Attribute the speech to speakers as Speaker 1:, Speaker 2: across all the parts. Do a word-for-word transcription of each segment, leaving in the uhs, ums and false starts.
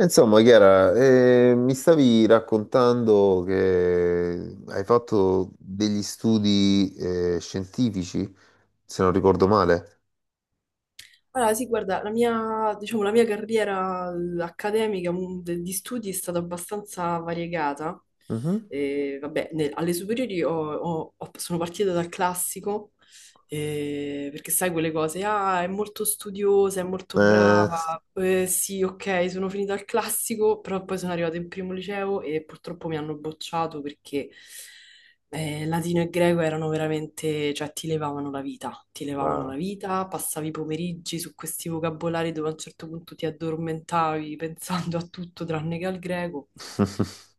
Speaker 1: Insomma, Chiara, eh, mi stavi raccontando che hai fatto degli studi eh, scientifici, se non ricordo male.
Speaker 2: Allora, sì, guarda, la mia, diciamo, la mia carriera eh, accademica mm, de- di studi è stata abbastanza variegata,
Speaker 1: Mhm.
Speaker 2: e, vabbè, ne- alle superiori ho- ho- ho- sono partita dal classico, eh, perché sai quelle cose, ah, è molto studiosa, è molto
Speaker 1: Eh,
Speaker 2: brava, eh, sì, ok, sono finita al classico, però poi sono arrivata in primo liceo e purtroppo mi hanno bocciato perché eh, latino e greco erano veramente, cioè ti levavano la vita, ti levavano la
Speaker 1: ma
Speaker 2: vita, passavi i pomeriggi su questi vocabolari dove a un certo punto ti addormentavi pensando a tutto tranne che al greco.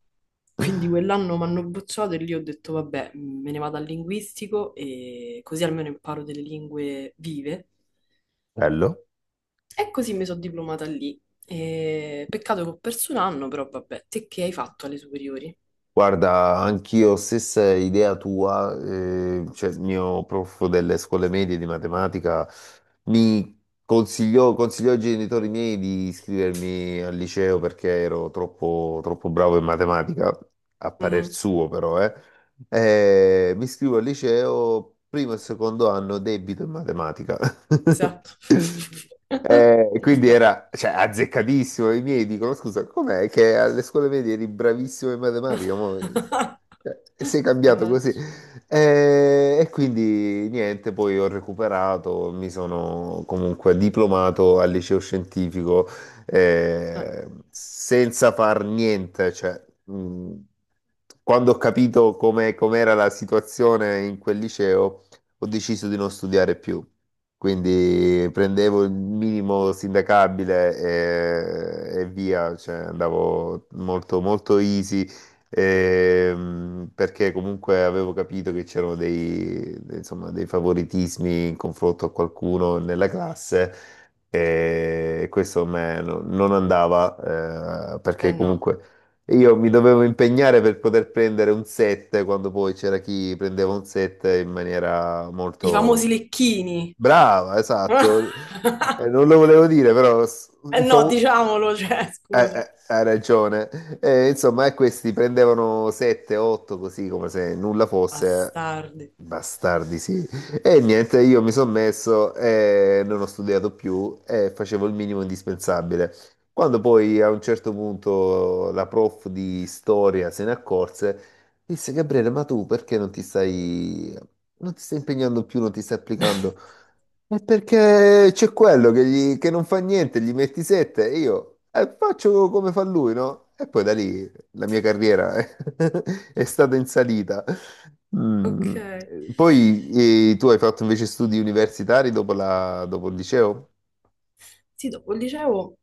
Speaker 2: Quindi quell'anno mi hanno bocciato e lì ho detto, vabbè, me ne vado al linguistico e così almeno imparo delle lingue vive.
Speaker 1: bello.
Speaker 2: E così mi sono diplomata lì. E peccato che ho perso un anno, però vabbè, te che hai fatto alle superiori?
Speaker 1: Guarda, anch'io stessa idea tua, eh, cioè il mio prof delle scuole medie di matematica mi consigliò, consigliò ai genitori miei di iscrivermi al liceo perché ero troppo, troppo bravo in matematica, a parer
Speaker 2: Mhm,
Speaker 1: suo però, eh. Eh, mi iscrivo al liceo, primo e secondo anno debito in matematica.
Speaker 2: esatto.
Speaker 1: Eh, e quindi
Speaker 2: Vabbè.
Speaker 1: era, cioè, azzeccatissimo. I miei dicono: Scusa, com'è che alle scuole medie eri bravissimo in matematica? Mo, cioè, sei cambiato così.
Speaker 2: Mannaggia.
Speaker 1: Eh, e quindi niente, poi ho recuperato, mi sono comunque diplomato al liceo scientifico
Speaker 2: Eh
Speaker 1: eh, senza far niente. Cioè, mh, quando ho capito come com'era la situazione in quel liceo, ho deciso di non studiare più. Quindi prendevo il minimo sindacabile e, e via, cioè andavo molto, molto easy, ehm, perché comunque avevo capito che c'erano dei, insomma, dei favoritismi in confronto a qualcuno nella classe e questo a me no- non andava, eh,
Speaker 2: eh
Speaker 1: perché
Speaker 2: no,
Speaker 1: comunque io mi dovevo impegnare per poter prendere un sette quando poi c'era chi prendeva un sette in maniera
Speaker 2: i
Speaker 1: molto...
Speaker 2: famosi lecchini.
Speaker 1: Brava, esatto. Eh, non lo volevo dire, però s-
Speaker 2: Eh
Speaker 1: i
Speaker 2: no,
Speaker 1: famu-
Speaker 2: diciamolo, cioè,
Speaker 1: eh,
Speaker 2: scusa.
Speaker 1: eh, hai ragione. Eh, insomma, e questi prendevano sette, otto così come se nulla fosse. Eh.
Speaker 2: Bastardi.
Speaker 1: Bastardi, sì. E niente, io mi sono messo e non ho studiato più e facevo il minimo indispensabile. Quando poi a un certo punto la prof di storia se ne accorse, disse: Gabriele, ma tu perché non ti stai, non ti stai impegnando più, non ti stai applicando? È perché c'è quello che, gli- che non fa niente, gli metti sette e io eh, faccio come fa lui, no? E poi da lì la mia carriera è, è stata in salita.
Speaker 2: Ok.
Speaker 1: Mm, eh, Poi eh, tu hai fatto invece studi universitari dopo, la- dopo il liceo?
Speaker 2: Sì, dopo il liceo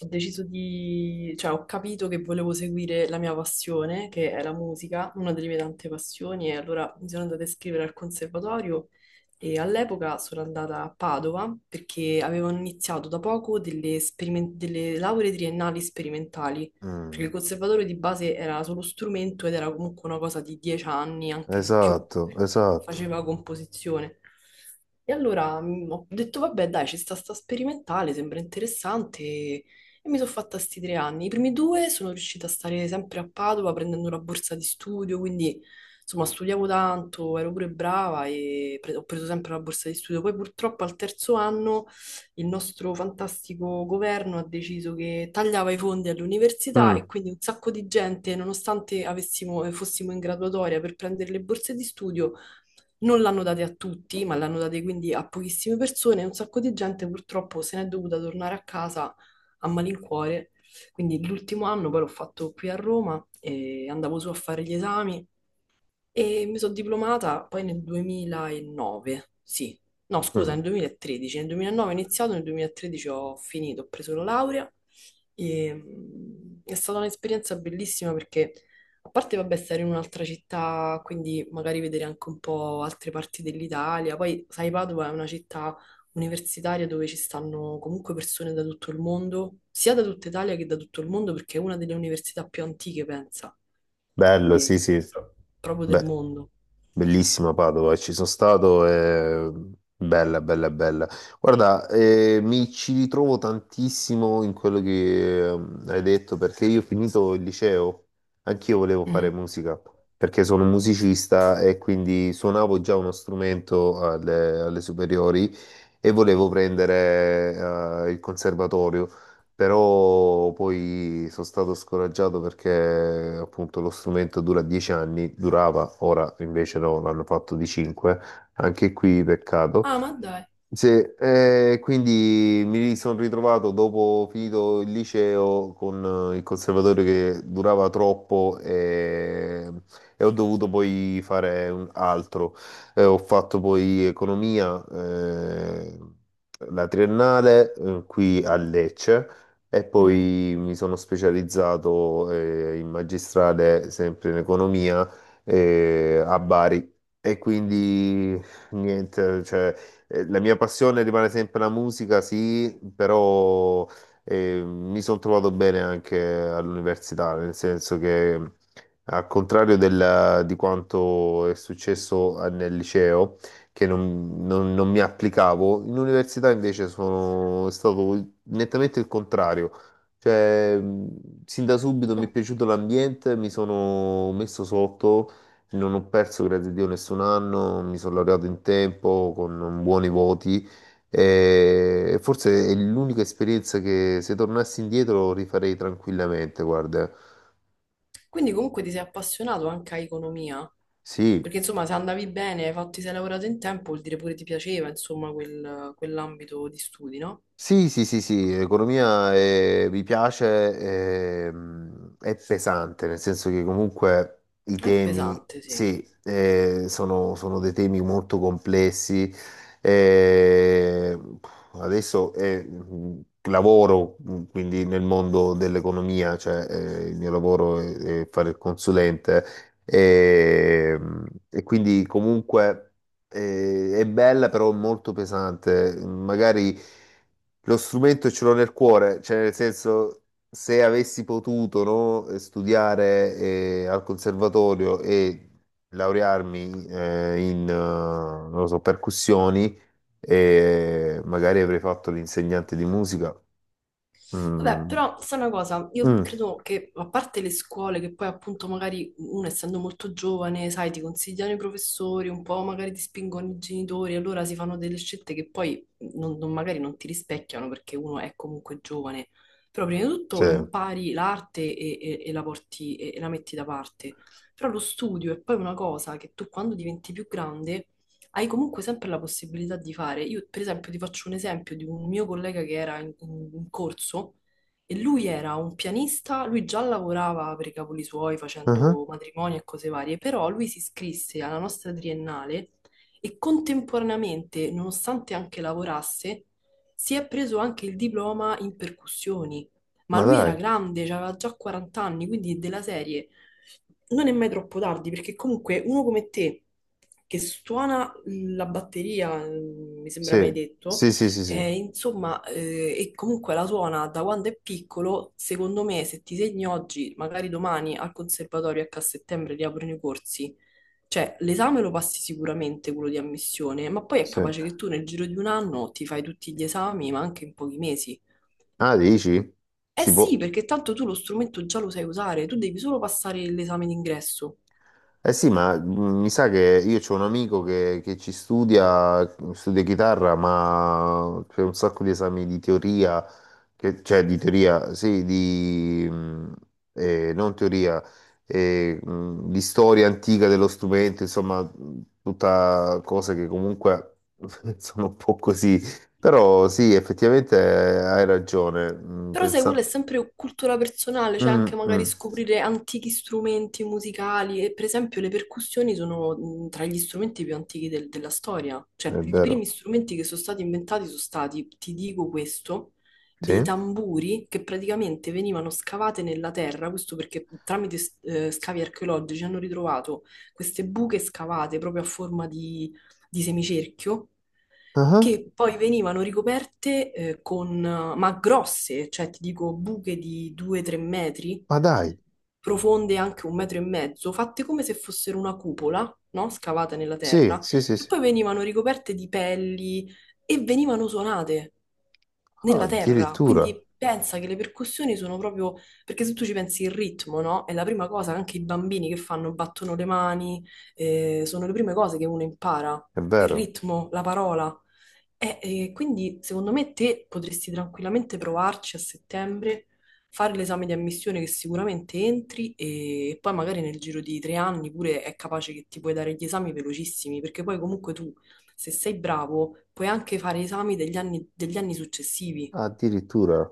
Speaker 2: ho deciso di, cioè ho capito che volevo seguire la mia passione, che è la musica, una delle mie tante passioni, e allora mi sono andata a iscrivere al conservatorio e all'epoca sono andata a Padova perché avevano iniziato da poco delle, sperimen- delle lauree triennali sperimentali perché il
Speaker 1: Mm.
Speaker 2: conservatorio di base era solo strumento ed era comunque una cosa di dieci anni, anche di più,
Speaker 1: Esatto,
Speaker 2: perché
Speaker 1: esatto.
Speaker 2: faceva composizione. E allora mm, ho detto, vabbè, dai, ci sta sta sperimentale, sembra interessante. E mi sono fatta sti tre anni. I primi due sono riuscita a stare sempre a Padova prendendo una borsa di studio, quindi insomma studiavo tanto, ero pure brava e pre- ho preso sempre la borsa di studio. Poi purtroppo al terzo anno il nostro fantastico governo ha deciso che tagliava i fondi all'università e
Speaker 1: Mm,
Speaker 2: quindi un sacco di gente, nonostante avessimo- eh, fossimo in graduatoria per prendere le borse di studio, non l'hanno date a tutti, ma l'hanno date quindi a pochissime persone e un sacco di gente purtroppo se n'è dovuta tornare a casa a malincuore. Quindi l'ultimo anno poi l'ho fatto qui a Roma e andavo su a fare gli esami e mi sono diplomata poi nel duemilanove, sì, no scusa,
Speaker 1: mm.
Speaker 2: nel duemilatredici, nel duemilanove ho iniziato, nel duemilatredici ho finito, ho preso la laurea e mm, è stata un'esperienza bellissima perché a parte vabbè stare in un'altra città, quindi magari vedere anche un po' altre parti dell'Italia, poi sai Padova è una città universitaria dove ci stanno comunque persone da tutto il mondo, sia da tutta Italia che da tutto il mondo perché è una delle università più antiche, pensa,
Speaker 1: Bello,
Speaker 2: quindi
Speaker 1: sì, sì.
Speaker 2: pro- proprio del
Speaker 1: Beh.
Speaker 2: mondo.
Speaker 1: Bellissima Padova, ci sono stato, è bella, bella, bella. Guarda, eh, mi ci ritrovo tantissimo in quello che ehm, hai detto perché io ho finito il liceo, anch'io volevo fare
Speaker 2: Mhm.
Speaker 1: musica perché sono un musicista e quindi suonavo già uno strumento alle, alle superiori e volevo prendere eh, il conservatorio però poi sono stato scoraggiato perché appunto lo strumento dura dieci anni, durava, ora invece no, l'hanno fatto di cinque, anche qui peccato.
Speaker 2: Ah, ma dai.
Speaker 1: Sì, eh, quindi mi sono ritrovato dopo finito il liceo con eh, il conservatorio che durava troppo e, e ho dovuto poi fare un altro. Eh, ho fatto poi economia, eh, la triennale, eh, qui a Lecce e
Speaker 2: Mhm.
Speaker 1: poi mi sono specializzato, eh, in magistrale sempre in economia, eh, a Bari. E quindi niente, cioè eh, la mia passione rimane sempre la musica, sì, però eh, mi sono trovato bene anche all'università, nel senso che al contrario del- di quanto è successo a- nel liceo, che non, non- non mi applicavo, in università invece sono è stato nettamente il contrario. Cioè, mh, sin da subito mi è
Speaker 2: No.
Speaker 1: piaciuto l'ambiente, mi sono messo sotto, non ho perso, grazie a Dio, nessun anno, mi sono laureato in tempo con buoni voti e forse è l'unica esperienza che se tornassi indietro rifarei tranquillamente, guarda.
Speaker 2: Quindi comunque ti sei appassionato anche a economia,
Speaker 1: Sì.
Speaker 2: perché insomma se andavi bene, hai fatto, ti sei lavorato in tempo, vuol dire pure ti piaceva, insomma, quel- quell'ambito di studi, no?
Speaker 1: Sì, sì, sì, sì, economia eh, mi piace, ehm, è pesante, nel senso che comunque i
Speaker 2: È
Speaker 1: temi,
Speaker 2: pesante, sì.
Speaker 1: sì, eh, sono, sono dei temi molto complessi. Eh, adesso eh, mh, lavoro mh, quindi nel mondo dell'economia, cioè eh, il mio lavoro è, è fare il consulente, ehm, e quindi comunque. Eh, è bella però molto pesante. Magari lo strumento ce l'ho nel cuore, cioè nel senso se avessi potuto no, eh, studiare eh, al conservatorio e laurearmi eh, in eh, non lo so, percussioni, eh, magari avrei fatto l'insegnante di musica.
Speaker 2: Vabbè,
Speaker 1: Mm.
Speaker 2: però sai una cosa, io
Speaker 1: Mm,
Speaker 2: credo che a parte le scuole che poi appunto magari uno essendo molto giovane, sai, ti consigliano i professori, un po' magari ti spingono i genitori, allora si fanno delle scelte che poi non- non- magari non ti rispecchiano perché uno è comunque giovane. Però prima di
Speaker 1: sì.
Speaker 2: tutto impari l'arte e, e- e la porti e, e la metti da parte. Però lo studio è poi una cosa che tu quando diventi più grande hai comunque sempre la possibilità di fare. Io, per esempio, ti faccio un esempio di un mio collega che era in, in- in corso e lui era un pianista, lui già lavorava per i cavoli suoi
Speaker 1: Ah,
Speaker 2: facendo matrimoni e cose varie, però lui si iscrisse alla nostra triennale e contemporaneamente, nonostante anche lavorasse, si è preso anche il diploma in percussioni. Ma
Speaker 1: ma
Speaker 2: lui
Speaker 1: dai,
Speaker 2: era grande, aveva già quaranta anni, quindi della serie non è mai troppo tardi, perché comunque uno come te che suona la batteria, mm, mi sembra
Speaker 1: sì,
Speaker 2: mai detto,
Speaker 1: sì, sì, sì, sì.
Speaker 2: eh, insomma, eh, e comunque la suona da quando è piccolo, secondo me se ti segni oggi, magari domani al conservatorio, ecco a settembre riaprono i corsi, cioè l'esame lo passi sicuramente quello di ammissione, ma poi è
Speaker 1: Sì.
Speaker 2: capace che tu nel giro di un anno ti fai tutti gli esami, ma anche in pochi mesi.
Speaker 1: Ah, dici?
Speaker 2: Eh
Speaker 1: Si
Speaker 2: sì,
Speaker 1: può.
Speaker 2: perché tanto tu lo strumento già lo sai usare, tu devi solo passare l'esame d'ingresso.
Speaker 1: Eh sì, ma mh, mi sa che io c'ho un amico che, che ci studia, studia chitarra, ma c'è un sacco di esami di teoria, che- cioè di teoria, sì, di mh, eh, non teoria, eh, mh, di storia antica dello strumento, insomma, mh, tutta cose che comunque sono un po' così. Però sì, effettivamente eh, hai ragione. mh,
Speaker 2: Però sai, quella è
Speaker 1: Pensa...
Speaker 2: sempre cultura personale, cioè
Speaker 1: Mm,
Speaker 2: anche magari
Speaker 1: mm,
Speaker 2: scoprire antichi strumenti musicali e per esempio le percussioni sono mh, tra gli strumenti più antichi del- della storia,
Speaker 1: è
Speaker 2: cioè i
Speaker 1: vero.
Speaker 2: primi strumenti che sono stati inventati sono stati, ti dico questo,
Speaker 1: Sì.
Speaker 2: dei tamburi che praticamente venivano scavate nella terra, questo perché tramite s- eh, scavi archeologici hanno ritrovato queste buche scavate proprio a forma di di semicerchio
Speaker 1: Ah,
Speaker 2: che poi venivano ricoperte eh, con, ma grosse, cioè ti dico buche di due tre metri,
Speaker 1: ma dai,
Speaker 2: profonde anche un metro e mezzo, fatte come se fossero una cupola, no? Scavata nella
Speaker 1: sì,
Speaker 2: terra,
Speaker 1: sì, sì,
Speaker 2: che
Speaker 1: sì.
Speaker 2: poi venivano ricoperte di pelli e venivano suonate
Speaker 1: Ah,
Speaker 2: nella terra.
Speaker 1: addirittura,
Speaker 2: Quindi pensa che le percussioni sono proprio, perché se tu ci pensi il ritmo, no? È la prima cosa che anche i bambini che fanno, battono le mani, eh, sono le prime cose che uno impara
Speaker 1: è
Speaker 2: il
Speaker 1: vero,
Speaker 2: ritmo, la parola. E, e quindi secondo me te potresti tranquillamente provarci a settembre, fare l'esame di ammissione che sicuramente entri e poi magari nel giro di tre anni pure è capace che ti puoi dare gli esami velocissimi, perché poi comunque tu, se sei bravo, puoi anche fare esami degli anni, degli anni successivi.
Speaker 1: addirittura.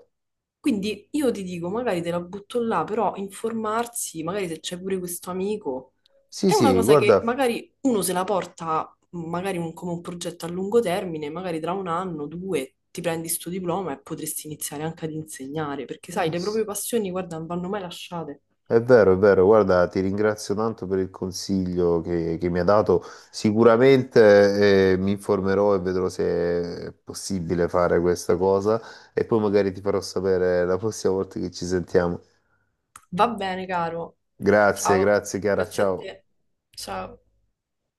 Speaker 2: Quindi io ti dico, magari te la butto là, però informarsi, magari se c'è pure questo amico,
Speaker 1: Sì,
Speaker 2: è una
Speaker 1: sì,
Speaker 2: cosa che
Speaker 1: guarda,
Speaker 2: magari uno se la porta, magari un- come un progetto a lungo termine, magari tra un anno, due, ti prendi sto diploma e potresti iniziare anche ad insegnare, perché sai,
Speaker 1: eh,
Speaker 2: le
Speaker 1: s-
Speaker 2: proprie passioni, guarda, non vanno mai lasciate.
Speaker 1: è vero, è vero, guarda, ti ringrazio tanto per il consiglio che, che mi ha dato. Sicuramente, eh, mi informerò e vedrò se è possibile fare questa cosa e poi magari ti farò sapere la prossima volta che ci sentiamo.
Speaker 2: Va bene, caro.
Speaker 1: Grazie,
Speaker 2: Ciao,
Speaker 1: grazie Chiara,
Speaker 2: grazie a
Speaker 1: ciao.
Speaker 2: te. Ciao.